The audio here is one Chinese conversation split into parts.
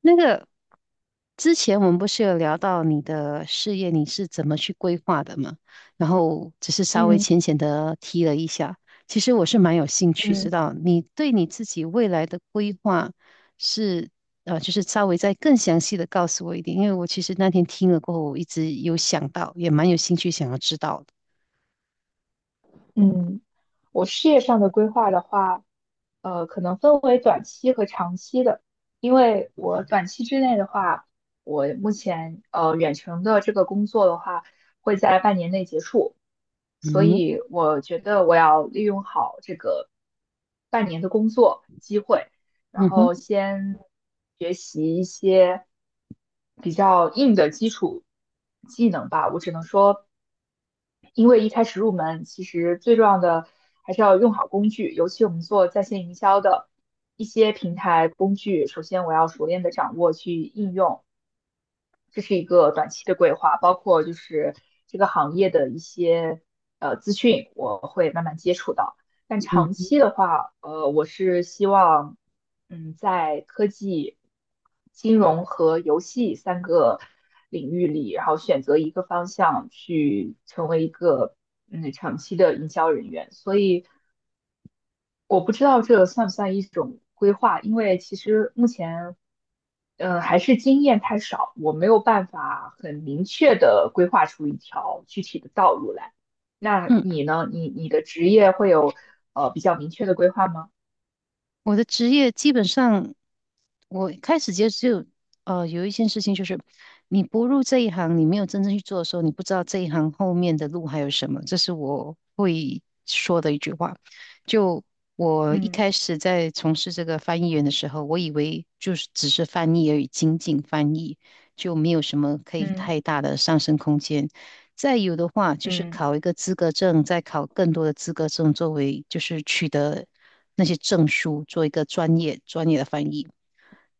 那个之前我们不是有聊到你的事业，你是怎么去规划的吗？然后只是稍微嗯浅浅的提了一下，其实我是蛮有兴趣知嗯道你对你自己未来的规划。是。就是稍微再更详细的告诉我一点，因为我其实那天听了过后，我一直有想到，也蛮有兴趣想要知道的。嗯。我事业上的规划的话，可能分为短期和长期的。因为我短期之内的话，我目前远程的这个工作的话，会在半年内结束，所嗯哼。以我觉得我要利用好这个半年的工作机会，然嗯哼。后先学习一些比较硬的基础技能吧。我只能说。因为一开始入门，其实最重要的还是要用好工具，尤其我们做在线营销的一些平台工具，首先我要熟练的掌握去应用，这是一个短期的规划，包括就是这个行业的一些资讯，我会慢慢接触到。但嗯长哼。期的话，我是希望，在科技、金融和游戏三个领域里，然后选择一个方向去成为一个长期的营销人员。所以我不知道这算不算一种规划，因为其实目前还是经验太少，我没有办法很明确的规划出一条具体的道路来。那嗯，你呢？你的职业会有比较明确的规划吗？我的职业基本上。我开始接触，有一件事情就是，你不入这一行，你没有真正去做的时候，你不知道这一行后面的路还有什么。这是我会说的一句话。就我一嗯开始在从事这个翻译员的时候，我以为就是只是翻译而已，仅仅翻译，就没有什么可以嗯太大的上升空间。再有的话，就是嗯考一个资格证，再考更多的资格证，作为就是取得那些证书，做一个专业的翻译。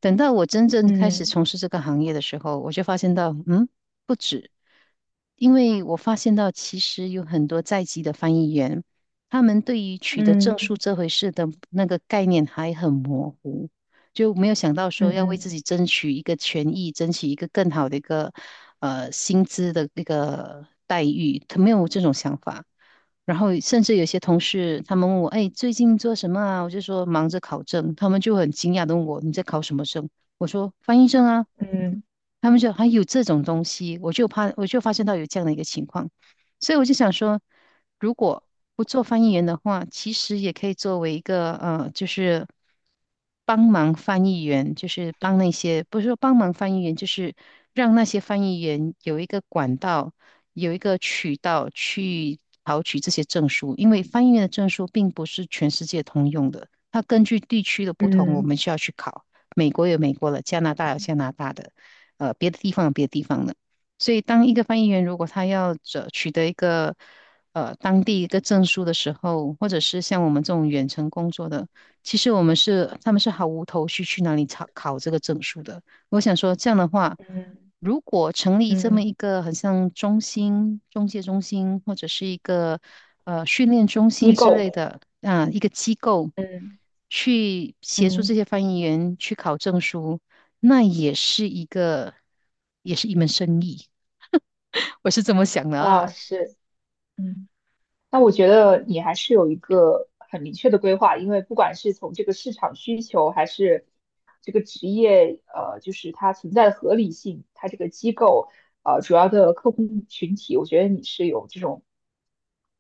等到我真正开始嗯从事这个行业的时候，我就发现到，不止，因为我发现到其实有很多在籍的翻译员，他们对于取得嗯证书这回事的那个概念还很模糊。就没有想到说要为嗯自己争取一个权益，争取一个更好的一个薪资的一个待遇，他没有这种想法。然后甚至有些同事他们问我，哎，最近做什么啊？我就说忙着考证，他们就很惊讶的问我，你在考什么证？我说翻译证啊。嗯他们就还有这种东西，我就怕，我就发现到有这样的一个情况。所以我就想说，如果不做翻译员的话，其实也可以作为一个就是帮忙翻译员，就是帮那些不是说帮忙翻译员，就是让那些翻译员有一个管道，有一个渠道去考取这些证书，因为翻译员的证书并不是全世界通用的，它根据地区的不嗯同，我嗯们需要去考。美国有美国的，加拿大有加拿大的，别的地方有别的地方的。所以，当一个翻译员如果他要这取得一个当地一个证书的时候，或者是像我们这种远程工作的，其实我们是他们是毫无头绪去哪里考考这个证书的。我想说，这样的话，嗯如果成立这嗯。么一个很像中心、中介中心，或者是一个训练中心机之构。类的啊、一个机构，嗯去协助嗯，这些翻译员去考证书，那也是一门生意。我是这么想的啊，啊。是。嗯那我觉得你还是有一个很明确的规划，因为不管是从这个市场需求，还是这个职业，就是它存在的合理性，它这个机构，主要的客户群体，我觉得你是有这种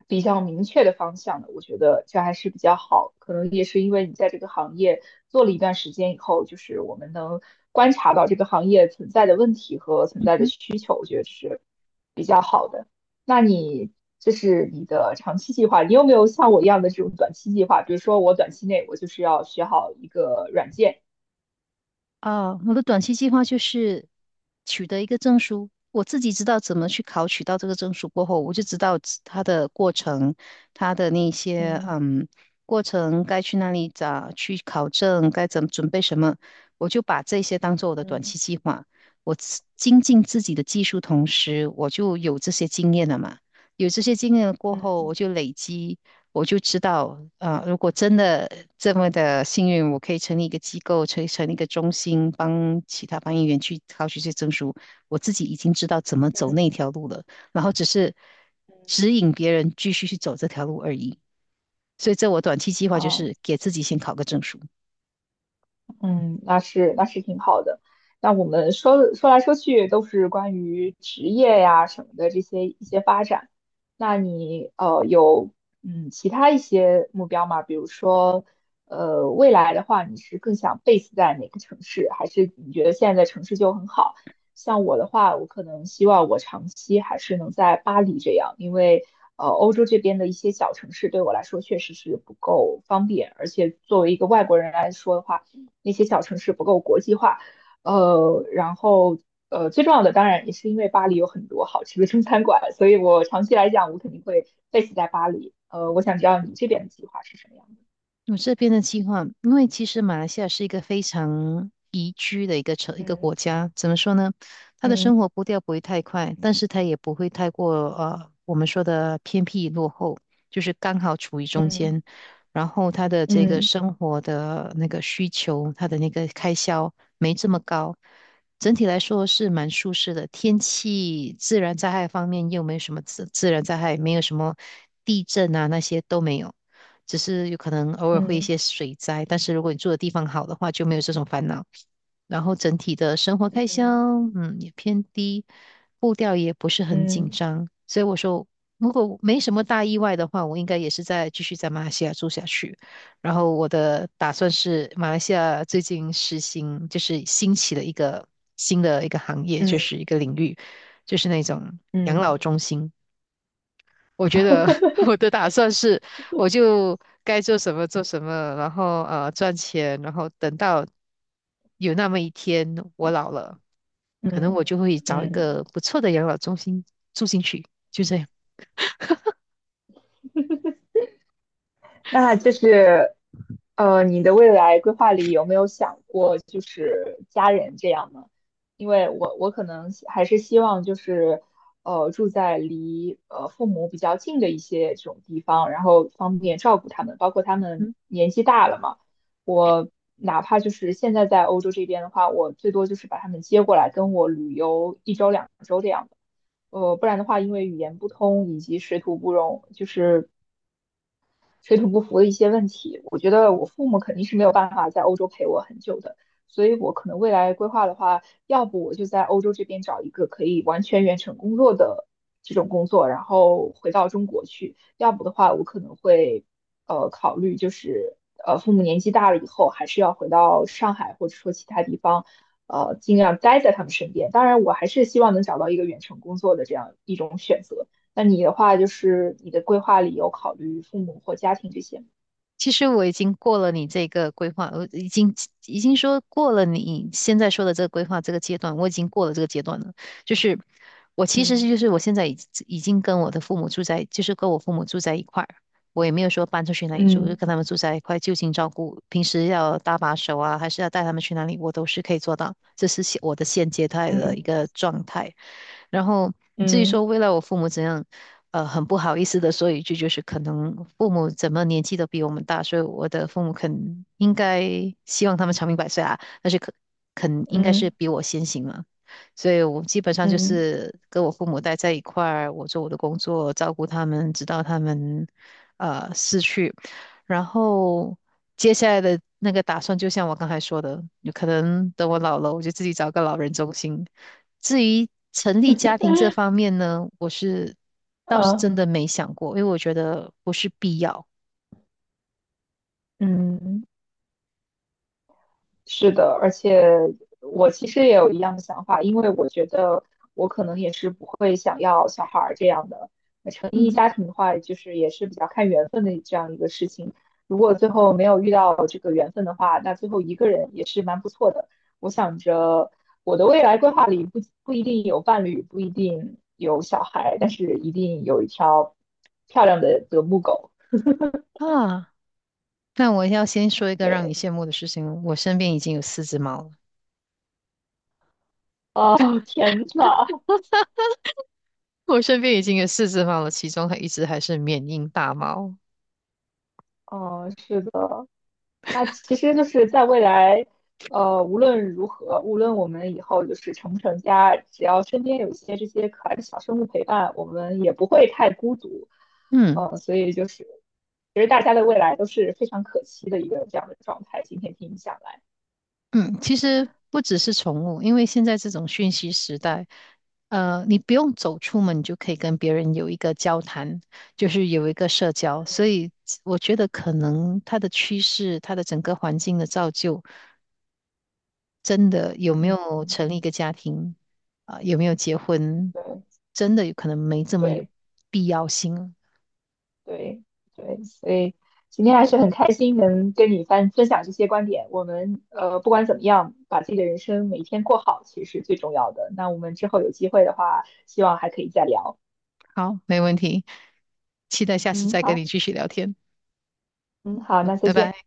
比较明确的方向的，我觉得这还是比较好。可能也是因为你在这个行业做了一段时间以后，就是我们能观察到这个行业存在的问题和存嗯在的哼。需求，我觉得是比较好的。那你这是你的长期计划，你有没有像我一样的这种短期计划？比如说我短期内我就是要学好一个软件。哦，我的短期计划就是取得一个证书。我自己知道怎么去考取到这个证书过后，我就知道自它的过程，它的那些嗯过程该去哪里找去考证，该怎么准备什么，我就把这些当做我的短嗯期计划。我自精进自己的技术，同时我就有这些经验了嘛。有这些经验了过后，嗯我就累积我就知道，如果真的这么的幸运，我可以成立一个机构，成立一个中心，帮其他翻译员去考取这些证书。我自己已经知道怎么走那条路了，然后只是嗯，指引别人继续去走这条路而已。所以，这我短期计划就啊，是给自己先考个证书。嗯，那是挺好的。那我们说说来说去都是关于职业呀什么的这些一些发展。那你有其他一些目标吗？比如说未来的话，你是更想 base 在哪个城市，还是你觉得现在的城市就很好？像我的话，我可能希望我长期还是能在巴黎这样，因为欧洲这边的一些小城市对我来说确实是不够方便，而且作为一个外国人来说的话。那些小城市不够国际化。呃，然后最重要的当然也是因为巴黎有很多好吃的中餐馆，所以我长期来讲，我肯定会 base 在巴黎。我想知道你这边的计划是什么样的？我这边的计划，因为其实马来西亚是一个非常宜居的一个嗯国家，怎么说呢？他的生嗯活步调不会太快，但是他也不会太过我们说的偏僻落后，就是刚好处于中嗯间。然后他的这个嗯生活的那个需求，他的那个开销没这么高，整体来说是蛮舒适的。天气、自然灾害方面又没有什么自然灾害，没有什么地震啊那些都没有。只是有可能偶尔会一嗯些水灾，但是如果你住的地方好的话，就没有这种烦恼。然后整体的生活开销，嗯也偏低，步调也不是很紧嗯张，所以我说，如果没什么大意外的话，我应该也是在继续在马来西亚住下去。然后我的打算是，马来西亚最近实行就是兴起了一个新的一个行业，嗯就是一个领域，就是那种养嗯嗯老中心。我觉得 我的打算是，我就该做什么做什么，然后赚钱，然后等到有那么一天我老了，可能嗯我就会找一嗯。个不错的养老中心住进去，就这样。那就是，你的未来规划里有没有想过就是家人这样呢？因为我可能还是希望就是，住在离父母比较近的一些这种地方，然后方便照顾他们，包括他们年纪大了嘛，我哪怕就是现在在欧洲这边的话，我最多就是把他们接过来跟我旅游一周两周这样的。不然的话，因为语言不通以及水土不容，就是水土不服的一些问题，我觉得我父母肯定是没有办法在欧洲陪我很久的，所以我可能未来规划的话，要不我就在欧洲这边找一个可以完全远程工作的这种工作，然后回到中国去；要不的话，我可能会考虑就是父母年纪大了以后，还是要回到上海或者说其他地方，尽量待在他们身边。当然，我还是希望能找到一个远程工作的这样一种选择。那你的话，就是你的规划里有考虑父母或家庭这些吗？其实我已经过了你这个规划，我已经说过了你现在说的这个规划这个阶段，我已经过了这个阶段了。就是我其实嗯是就是我现在已经跟我的父母住在，就是跟我父母住在一块儿，我也没有说搬出去哪里住，就嗯跟他们住在一块，就近照顾，平时要搭把手啊，还是要带他们去哪里，我都是可以做到。这是我的现阶段的嗯一个状态。然后至于说嗯未来我父母怎样，很不好意思的说一句，就是可能父母怎么年纪都比我们大，所以我的父母肯应该希望他们长命百岁啊，但是肯应该是嗯比我先行了，所以我基本上嗯就嗯嗯。是跟我父母待在一块儿，我做我的工作，照顾他们，直到他们逝去。然后接下来的那个打算，就像我刚才说的，有可能等我老了，我就自己找个老人中心。至于成立家庭这方面呢，倒是嗯真的没想过，因为我觉得不是必要。嗯嗯，是的，而且我其实也有一样的想法，因为我觉得我可能也是不会想要小孩儿这样的。那成立嗯。家庭的话，就是也是比较看缘分的这样一个事情。如果最后没有遇到这个缘分的话，那最后一个人也是蛮不错的。我想着我的未来规划里不一定有伴侣，不一定有小孩，但是一定有一条漂亮的德牧狗。啊。那我要先说一个让你对，羡慕的事情，我身边已经有四只猫了，啊天呐，我身边已经有四只猫了，其中还一只还是缅因大猫。哦，是的。那其实就是在未来，无论如何，无论我们以后就是成不成家，只要身边有一些这些可爱的小生物陪伴，我们也不会太孤独。嗯。所以就是，其实大家的未来都是非常可期的一个这样的状态。今天听你讲来。嗯，其实不只是宠物，因为现在这种讯息时代，你不用走出门，你就可以跟别人有一个交谈，就是有一个社交。所嗯。以我觉得可能它的趋势，它的整个环境的造就，真的有没有嗯，成立一个家庭，啊、有没有结婚，对真的有可能没这么有对。必要性了。对对，所以今天还是很开心能跟你分享这些观点。我们不管怎么样，把自己的人生每天过好，其实是最重要的。那我们之后有机会的话，希望还可以再聊。好，没问题，期待下次嗯，再跟你好。继续聊天，嗯，好，那再拜见。拜。